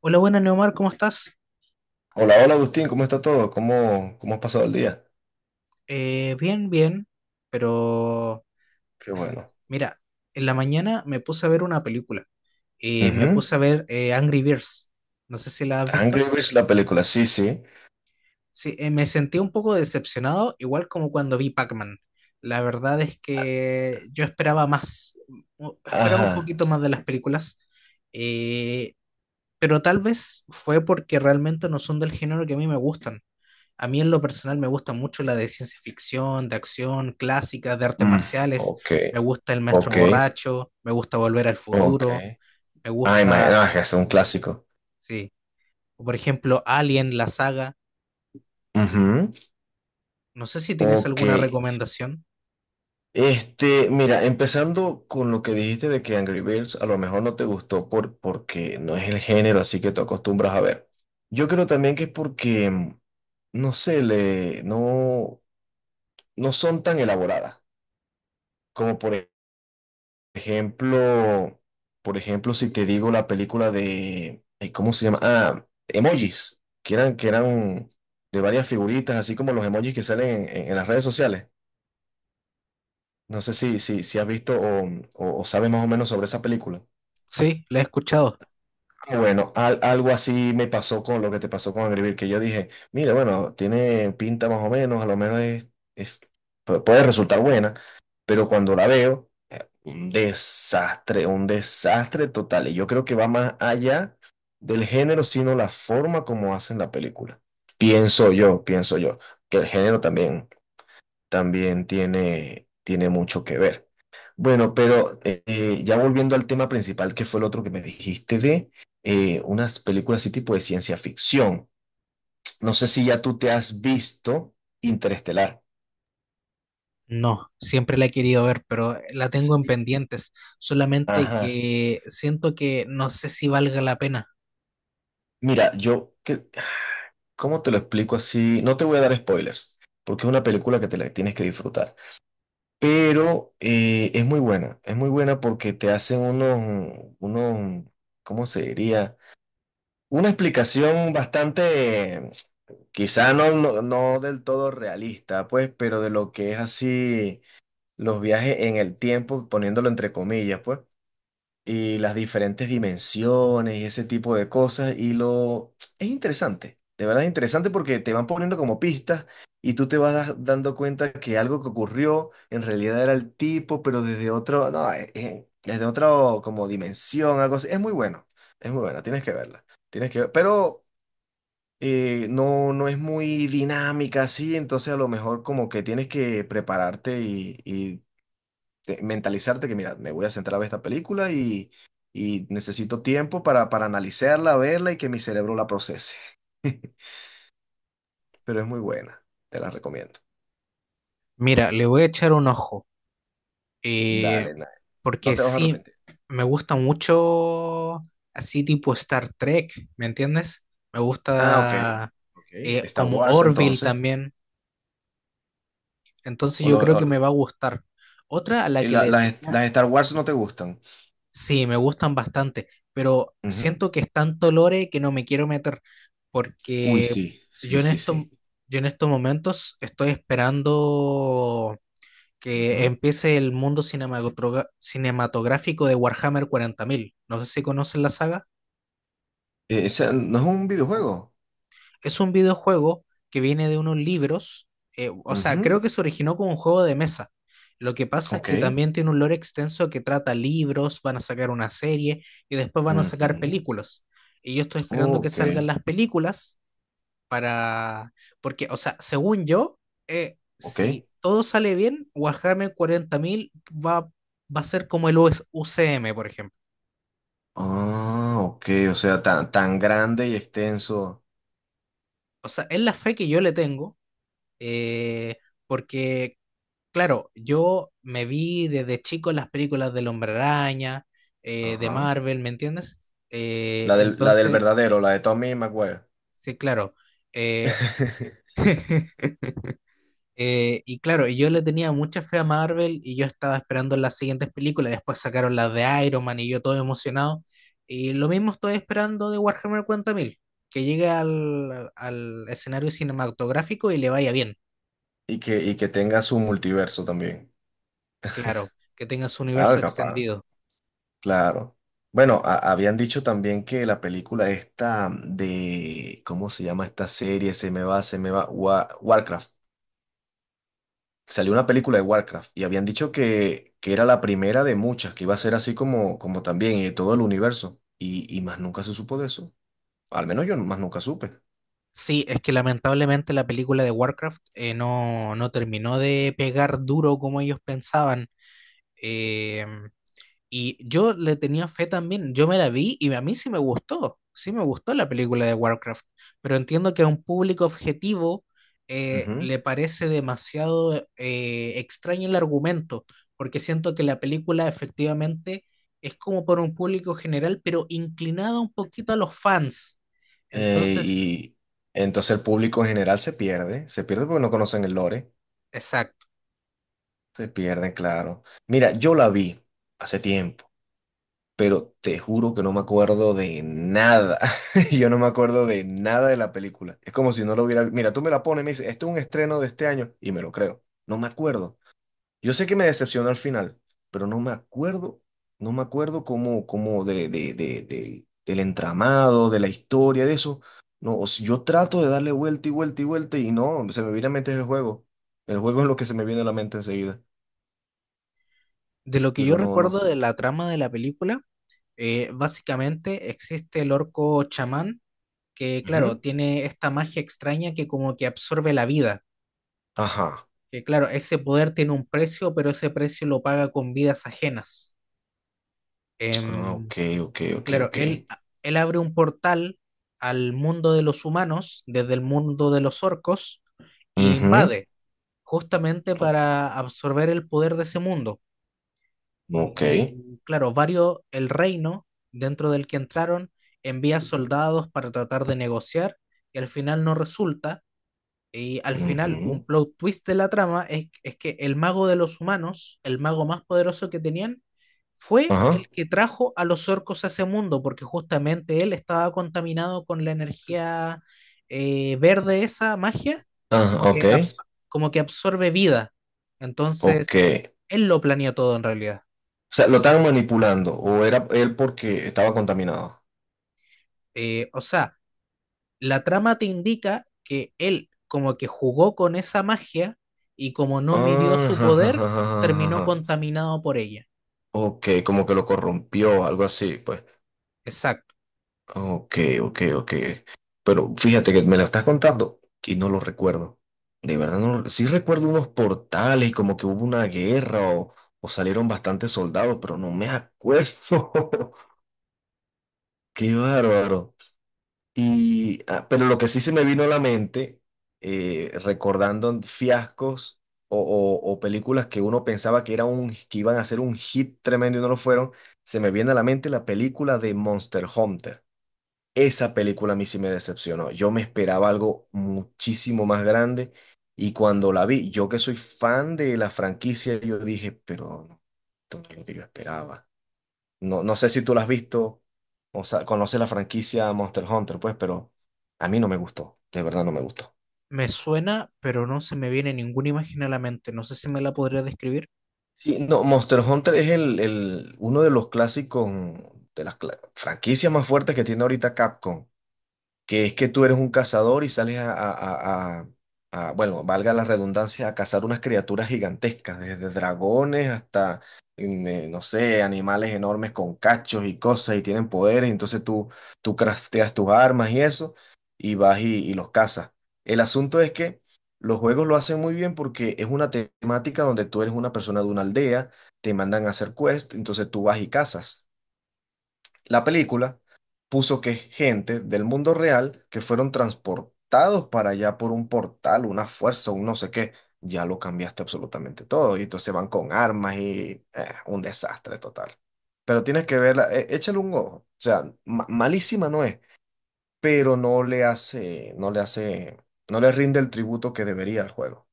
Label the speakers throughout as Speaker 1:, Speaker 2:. Speaker 1: Hola, buenas, Neomar, ¿cómo estás?
Speaker 2: Hola, hola Agustín, ¿cómo está todo? ¿¿Cómo has pasado el día?
Speaker 1: Bien, bien, pero
Speaker 2: Qué bueno.
Speaker 1: mira, en la mañana me puse a ver una película. Me
Speaker 2: Ujú.
Speaker 1: puse a ver Angry Birds. No sé si la has
Speaker 2: Angry
Speaker 1: visto.
Speaker 2: Birds, la película, sí, sí.
Speaker 1: Sí, me sentí un poco decepcionado, igual como cuando vi Pac-Man. La verdad es que yo esperaba más, esperaba un
Speaker 2: Ajá.
Speaker 1: poquito más de las películas, eh, pero tal vez fue porque realmente no son del género que a mí me gustan. A mí en lo personal me gusta mucho la de ciencia ficción, de acción, clásicas, de artes
Speaker 2: Mm,
Speaker 1: marciales.
Speaker 2: ok,
Speaker 1: Me gusta El Maestro
Speaker 2: ok,
Speaker 1: Borracho, me gusta Volver al
Speaker 2: ok.
Speaker 1: Futuro, me
Speaker 2: Ay, ma-
Speaker 1: gusta,
Speaker 2: ah, es que es un clásico.
Speaker 1: sí, o por ejemplo Alien, la saga.
Speaker 2: Ujú.
Speaker 1: No sé si tienes
Speaker 2: Ok.
Speaker 1: alguna recomendación.
Speaker 2: Este, mira, empezando con lo que dijiste de que Angry Birds a lo mejor no te gustó porque no es el género así que tú acostumbras a ver. Yo creo también que es porque, no sé, le, no, no son tan elaboradas como ejemplo, por ejemplo, si te digo la película de, ay, ¿cómo se llama? Ah, emojis, que eran de varias figuritas, así como los emojis que salen en las redes sociales. No sé si has visto o sabes más o menos sobre esa película.
Speaker 1: Sí, la he escuchado.
Speaker 2: Ah, bueno, al- algo así me pasó con lo que te pasó con Angry Birds, que yo dije, mira, bueno, tiene pinta más o menos, a lo menos es- puede resultar buena, pero cuando la veo un desastre, un desastre total. Y yo creo que va más allá del género, sino la forma como hacen la película. Pienso yo, que el género también, también tiene mucho que ver. Bueno, pero ya volviendo al tema principal, que fue el otro que me dijiste de unas películas así tipo de ciencia ficción. No sé si ya tú te has visto Interestelar.
Speaker 1: No, siempre la he querido ver, pero la tengo en
Speaker 2: Sí.
Speaker 1: pendientes. Solamente
Speaker 2: Ajá.
Speaker 1: que siento que no sé si valga la pena.
Speaker 2: Mira, yo que ¿cómo te lo explico así? No te voy a dar spoilers, porque es una película que te la tienes que disfrutar. Pero es muy buena porque te hacen unos, ¿cómo se diría? Una explicación bastante, quizá no del todo realista, pues, pero de lo que es así los viajes en el tiempo, poniéndolo entre comillas, pues, y las diferentes dimensiones y ese tipo de cosas. Y lo es interesante, de verdad es interesante porque te van poniendo como pistas y tú te vas dando cuenta que algo que ocurrió en realidad era el tipo, pero desde otro, no, desde otra como dimensión, algo así. Es muy bueno, es muy buena, tienes que verla, tienes que ver- pero no, no es muy dinámica así, entonces a lo mejor como que tienes que prepararte y te- mentalizarte que, mira, me voy a centrar a ver esta película y necesito tiempo para analizarla, verla y que mi cerebro la procese. Pero es muy buena, te la recomiendo.
Speaker 1: Mira, le voy a echar un ojo. Eh,
Speaker 2: Dale, na- no
Speaker 1: Porque
Speaker 2: te vas a
Speaker 1: sí,
Speaker 2: arrepentir.
Speaker 1: me gusta mucho así tipo Star Trek, ¿me entiendes? Me
Speaker 2: Ah, ok.
Speaker 1: gusta
Speaker 2: Ok, Star
Speaker 1: como
Speaker 2: Wars
Speaker 1: Orville
Speaker 2: entonces.
Speaker 1: también, entonces
Speaker 2: O
Speaker 1: yo
Speaker 2: lo-
Speaker 1: creo que
Speaker 2: o-
Speaker 1: me va a gustar. Otra a la
Speaker 2: y
Speaker 1: que
Speaker 2: la-
Speaker 1: le tenía,
Speaker 2: las Star Wars no te gustan.
Speaker 1: sí, me gustan bastante, pero
Speaker 2: Ujú.
Speaker 1: siento que es tanto lore que no me quiero meter,
Speaker 2: Uy,
Speaker 1: porque
Speaker 2: sí,
Speaker 1: yo
Speaker 2: sí,
Speaker 1: en
Speaker 2: sí,
Speaker 1: esto,
Speaker 2: sí.
Speaker 1: yo en estos momentos estoy esperando que
Speaker 2: Ujú.
Speaker 1: empiece el mundo cinematográfico de Warhammer 40.000. No sé si conocen la saga.
Speaker 2: Ese no es un videojuego.
Speaker 1: Es un videojuego que viene de unos libros, o sea,
Speaker 2: Ujú.
Speaker 1: creo que se originó como un juego de mesa. Lo que pasa es que
Speaker 2: Ok.
Speaker 1: también tiene un lore extenso que trata libros, van a sacar una serie y después van a sacar
Speaker 2: Ujú.
Speaker 1: películas. Y yo estoy esperando que
Speaker 2: Ok.
Speaker 1: salgan las películas para, porque, o sea, según yo, si
Speaker 2: Ok.
Speaker 1: todo sale bien, Warhammer 40.000 va, va a ser como el US UCM, por ejemplo.
Speaker 2: Ah, ok, o sea, tan, tan grande y extenso.
Speaker 1: O sea, es la fe que yo le tengo, eh, porque, claro, yo me vi desde chico las películas del Hombre Araña, de
Speaker 2: Ajá.
Speaker 1: Marvel, ¿me entiendes? Eh,
Speaker 2: La del
Speaker 1: entonces,
Speaker 2: verdadero, la de Tommy Maguire.
Speaker 1: sí, claro. eh, Y claro, yo le tenía mucha fe a Marvel y yo estaba esperando las siguientes películas. Después sacaron las de Iron Man y yo todo emocionado. Y lo mismo estoy esperando de Warhammer 40.000 que llegue al, al escenario cinematográfico y le vaya bien,
Speaker 2: Y que tenga su multiverso también.
Speaker 1: claro, que tenga su
Speaker 2: Ah,
Speaker 1: universo
Speaker 2: capaz,
Speaker 1: extendido.
Speaker 2: claro. Bueno, a- habían dicho también que la película esta de, ¿cómo se llama esta serie? Se me va, Wa- Warcraft. Salió una película de Warcraft y habían dicho que era la primera de muchas, que iba a ser así como, como también y de todo el universo. Y más nunca se supo de eso. Al menos yo más nunca supe.
Speaker 1: Sí, es que lamentablemente la película de Warcraft no, no terminó de pegar duro como ellos pensaban. Eh, Y yo le tenía fe también, yo me la vi y a mí sí me gustó la película de Warcraft, pero entiendo que a un público objetivo
Speaker 2: Ujú.
Speaker 1: le parece demasiado extraño el argumento, porque siento que la película efectivamente es como por un público general, pero inclinada un poquito a los fans. Entonces,
Speaker 2: Y entonces el público en general se pierde porque no conocen el lore,
Speaker 1: exacto.
Speaker 2: se pierden, claro. Mira, yo la vi hace tiempo, pero te juro que no me acuerdo de nada. Yo no me acuerdo de nada de la película. Es como si no lo hubiera... Mira, tú me la pones y me dices, esto es un estreno de este año y me lo creo. No me acuerdo. Yo sé que me decepcionó al final, pero no me acuerdo, no me acuerdo cómo, cómo del entramado, de la historia, de eso. No, o sea, yo trato de darle vuelta y vuelta y vuelta y no, se me viene a la mente el juego. El juego es lo que se me viene a la mente enseguida,
Speaker 1: De lo que yo
Speaker 2: pero no, no
Speaker 1: recuerdo
Speaker 2: sé.
Speaker 1: de la trama de la película, básicamente existe el orco chamán que claro,
Speaker 2: Ujú.
Speaker 1: tiene esta magia extraña que como que absorbe la vida,
Speaker 2: Ajá.
Speaker 1: que claro, ese poder tiene un precio, pero ese precio lo paga con vidas ajenas.
Speaker 2: Ah,
Speaker 1: Em,
Speaker 2: ok, ok,
Speaker 1: y
Speaker 2: ok,
Speaker 1: claro,
Speaker 2: ok.
Speaker 1: él abre un portal al mundo de los humanos, desde el mundo de los orcos, e
Speaker 2: Ujú.
Speaker 1: invade, justamente
Speaker 2: O-
Speaker 1: para absorber el poder de ese mundo.
Speaker 2: ok.
Speaker 1: Y claro, varios, el reino dentro del que entraron envía soldados para tratar de negociar y al final no resulta. Y al final, un
Speaker 2: Ujú.
Speaker 1: plot twist de la trama es que el mago de los humanos, el mago más poderoso que tenían, fue
Speaker 2: Ajá.
Speaker 1: el que trajo a los orcos a ese mundo, porque justamente él estaba contaminado con la energía verde, esa magia, como
Speaker 2: Ah, ok.
Speaker 1: que, abs- como que absorbe vida.
Speaker 2: Ok.
Speaker 1: Entonces,
Speaker 2: O
Speaker 1: él lo planeó todo en realidad.
Speaker 2: sea, lo estaban manipulando o era él porque estaba contaminado.
Speaker 1: O sea, la trama te indica que él como que jugó con esa magia y como no midió
Speaker 2: Ah,
Speaker 1: su
Speaker 2: ja, ja, ja,
Speaker 1: poder,
Speaker 2: ja, ja,
Speaker 1: terminó
Speaker 2: ja, ja.
Speaker 1: contaminado por ella.
Speaker 2: Ok, como que lo corrompió, algo así, pues.
Speaker 1: Exacto.
Speaker 2: Ok, ok, ok. Pero fíjate que me lo estás contando y no lo recuerdo. De verdad, no, lo- sí recuerdo unos portales, como que hubo una guerra o salieron bastantes soldados, pero no me acuerdo. Qué bárbaro. Y, ah, pero lo que sí se me vino a la mente, recordando fiascos o películas que uno pensaba que, era un, que iban a ser un hit tremendo y no lo fueron, se me viene a la mente la película de Monster Hunter. Esa película a mí sí me decepcionó. Yo me esperaba algo muchísimo más grande y cuando la vi, yo que soy fan de la franquicia, yo dije, pero no, esto no es lo que yo esperaba. No, no sé si tú la has visto o sea, conoces la franquicia Monster Hunter, pues, pero a mí no me gustó, de verdad no me gustó.
Speaker 1: Me suena, pero no se me viene ninguna imagen a la mente. No sé si me la podría describir.
Speaker 2: Sí, no, Monster Hunter es uno de los clásicos, de las cla- franquicias más fuertes que tiene ahorita Capcom, que es que tú eres un cazador y sales bueno, valga la redundancia, a cazar unas criaturas gigantescas, desde dragones hasta, no sé, animales enormes con cachos y cosas y tienen poderes, tú crafteas tus armas y eso y los cazas. El asunto es que los juegos lo hacen muy bien porque es una temática donde tú eres una persona de una aldea, te mandan a hacer quest, entonces tú vas y cazas. La película puso que es gente del mundo real que fueron transportados para allá por un portal, una fuerza, un no sé qué. Ya lo cambiaste absolutamente todo. Y entonces van con armas y un desastre total. Pero tienes que verla, échale un ojo. O sea, ma- malísima no es, pero no le hace, no le rinde el tributo que debería al juego.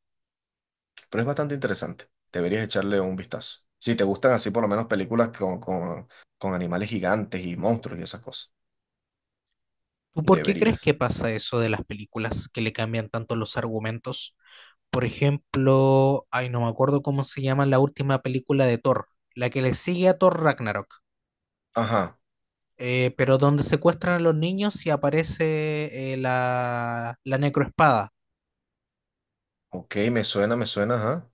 Speaker 2: Pero es bastante interesante. Deberías echarle un vistazo. Si te gustan así por lo menos películas con animales gigantes y monstruos y esas cosas.
Speaker 1: ¿Tú por qué crees que
Speaker 2: Deberías.
Speaker 1: pasa eso de las películas que le cambian tanto los argumentos? Por ejemplo, ay, no me acuerdo cómo se llama la última película de Thor, la que le sigue a Thor Ragnarok,
Speaker 2: Ajá.
Speaker 1: pero donde secuestran a los niños y aparece la, la necroespada.
Speaker 2: Ok, me suena, ajá.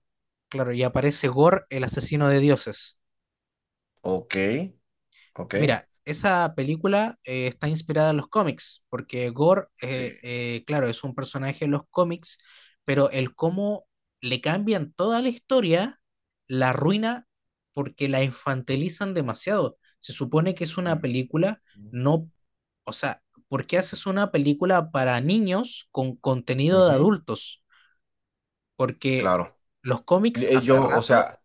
Speaker 1: Claro, y aparece Gore, el asesino de dioses.
Speaker 2: Ok, ok.
Speaker 1: Mira, esa película está inspirada en los cómics, porque Gore,
Speaker 2: Sí.
Speaker 1: claro, es un personaje en los cómics, pero el cómo le cambian toda la historia, la arruina porque la infantilizan demasiado. Se supone que es una
Speaker 2: Mm.
Speaker 1: película, no, o sea, ¿por qué haces una película para niños con contenido de
Speaker 2: Ujú,
Speaker 1: adultos? Porque
Speaker 2: claro.
Speaker 1: los cómics hace
Speaker 2: Yo, o
Speaker 1: rato.
Speaker 2: sea,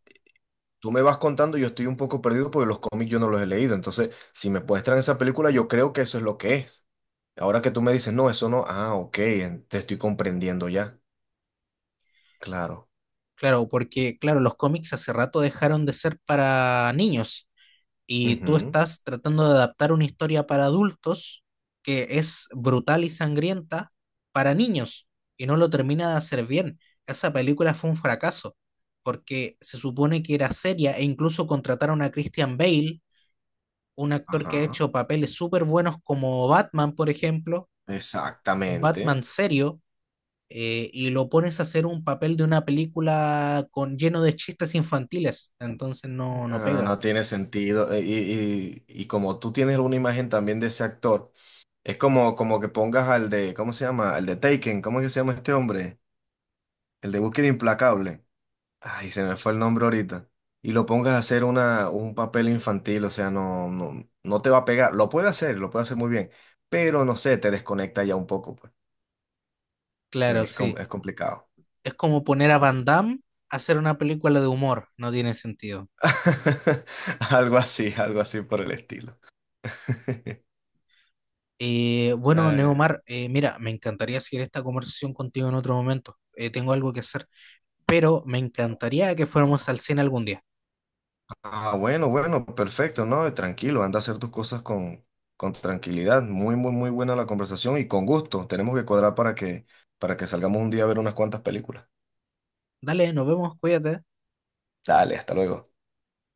Speaker 2: tú me vas contando, yo estoy un poco perdido porque los cómics yo no los he leído. Entonces, si me muestran esa película, yo creo que eso es lo que es. Ahora que tú me dices, no, eso no. Ah, ok, en- te estoy comprendiendo ya. Claro.
Speaker 1: Claro, porque claro, los cómics hace rato dejaron de ser para niños y tú
Speaker 2: Ujú,
Speaker 1: estás tratando de adaptar una historia para adultos que es brutal y sangrienta para niños y no lo termina de hacer bien. Esa película fue un fracaso porque se supone que era seria e incluso contrataron a Christian Bale, un actor que ha
Speaker 2: ajá.
Speaker 1: hecho papeles súper buenos como Batman, por ejemplo, un
Speaker 2: Exactamente.
Speaker 1: Batman serio y lo pones a hacer un papel de una película con lleno de chistes infantiles, entonces no, no
Speaker 2: No,
Speaker 1: pega.
Speaker 2: no tiene sentido. Y, y como tú tienes una imagen también de ese actor. Es como, como que pongas al de, ¿cómo se llama? Al de Taken, ¿cómo es que se llama este hombre? El de Búsqueda Implacable. Ay, se me fue el nombre ahorita. Y lo pongas a hacer una, un papel infantil, o sea, no te va a pegar. Lo puede hacer muy bien, pero no sé, te desconecta ya un poco, pues. Sí,
Speaker 1: Claro, sí.
Speaker 2: es complicado,
Speaker 1: Es como
Speaker 2: es
Speaker 1: poner a Van
Speaker 2: complicado.
Speaker 1: Damme a hacer una película de humor, no tiene sentido.
Speaker 2: Algo así por el estilo.
Speaker 1: Bueno, Neomar, mira, me encantaría seguir esta conversación contigo en otro momento. Tengo algo que hacer, pero me encantaría que
Speaker 2: Ay,
Speaker 1: fuéramos al cine algún día.
Speaker 2: ah, bueno, bueno, perfecto, ¿no? Tranquilo, anda a hacer tus cosas con tranquilidad. Muy, muy, muy buena la conversación y con gusto. Tenemos que cuadrar para que salgamos un día a ver unas cuantas películas.
Speaker 1: Dale, nos vemos, cuídate.
Speaker 2: Dale, hasta luego.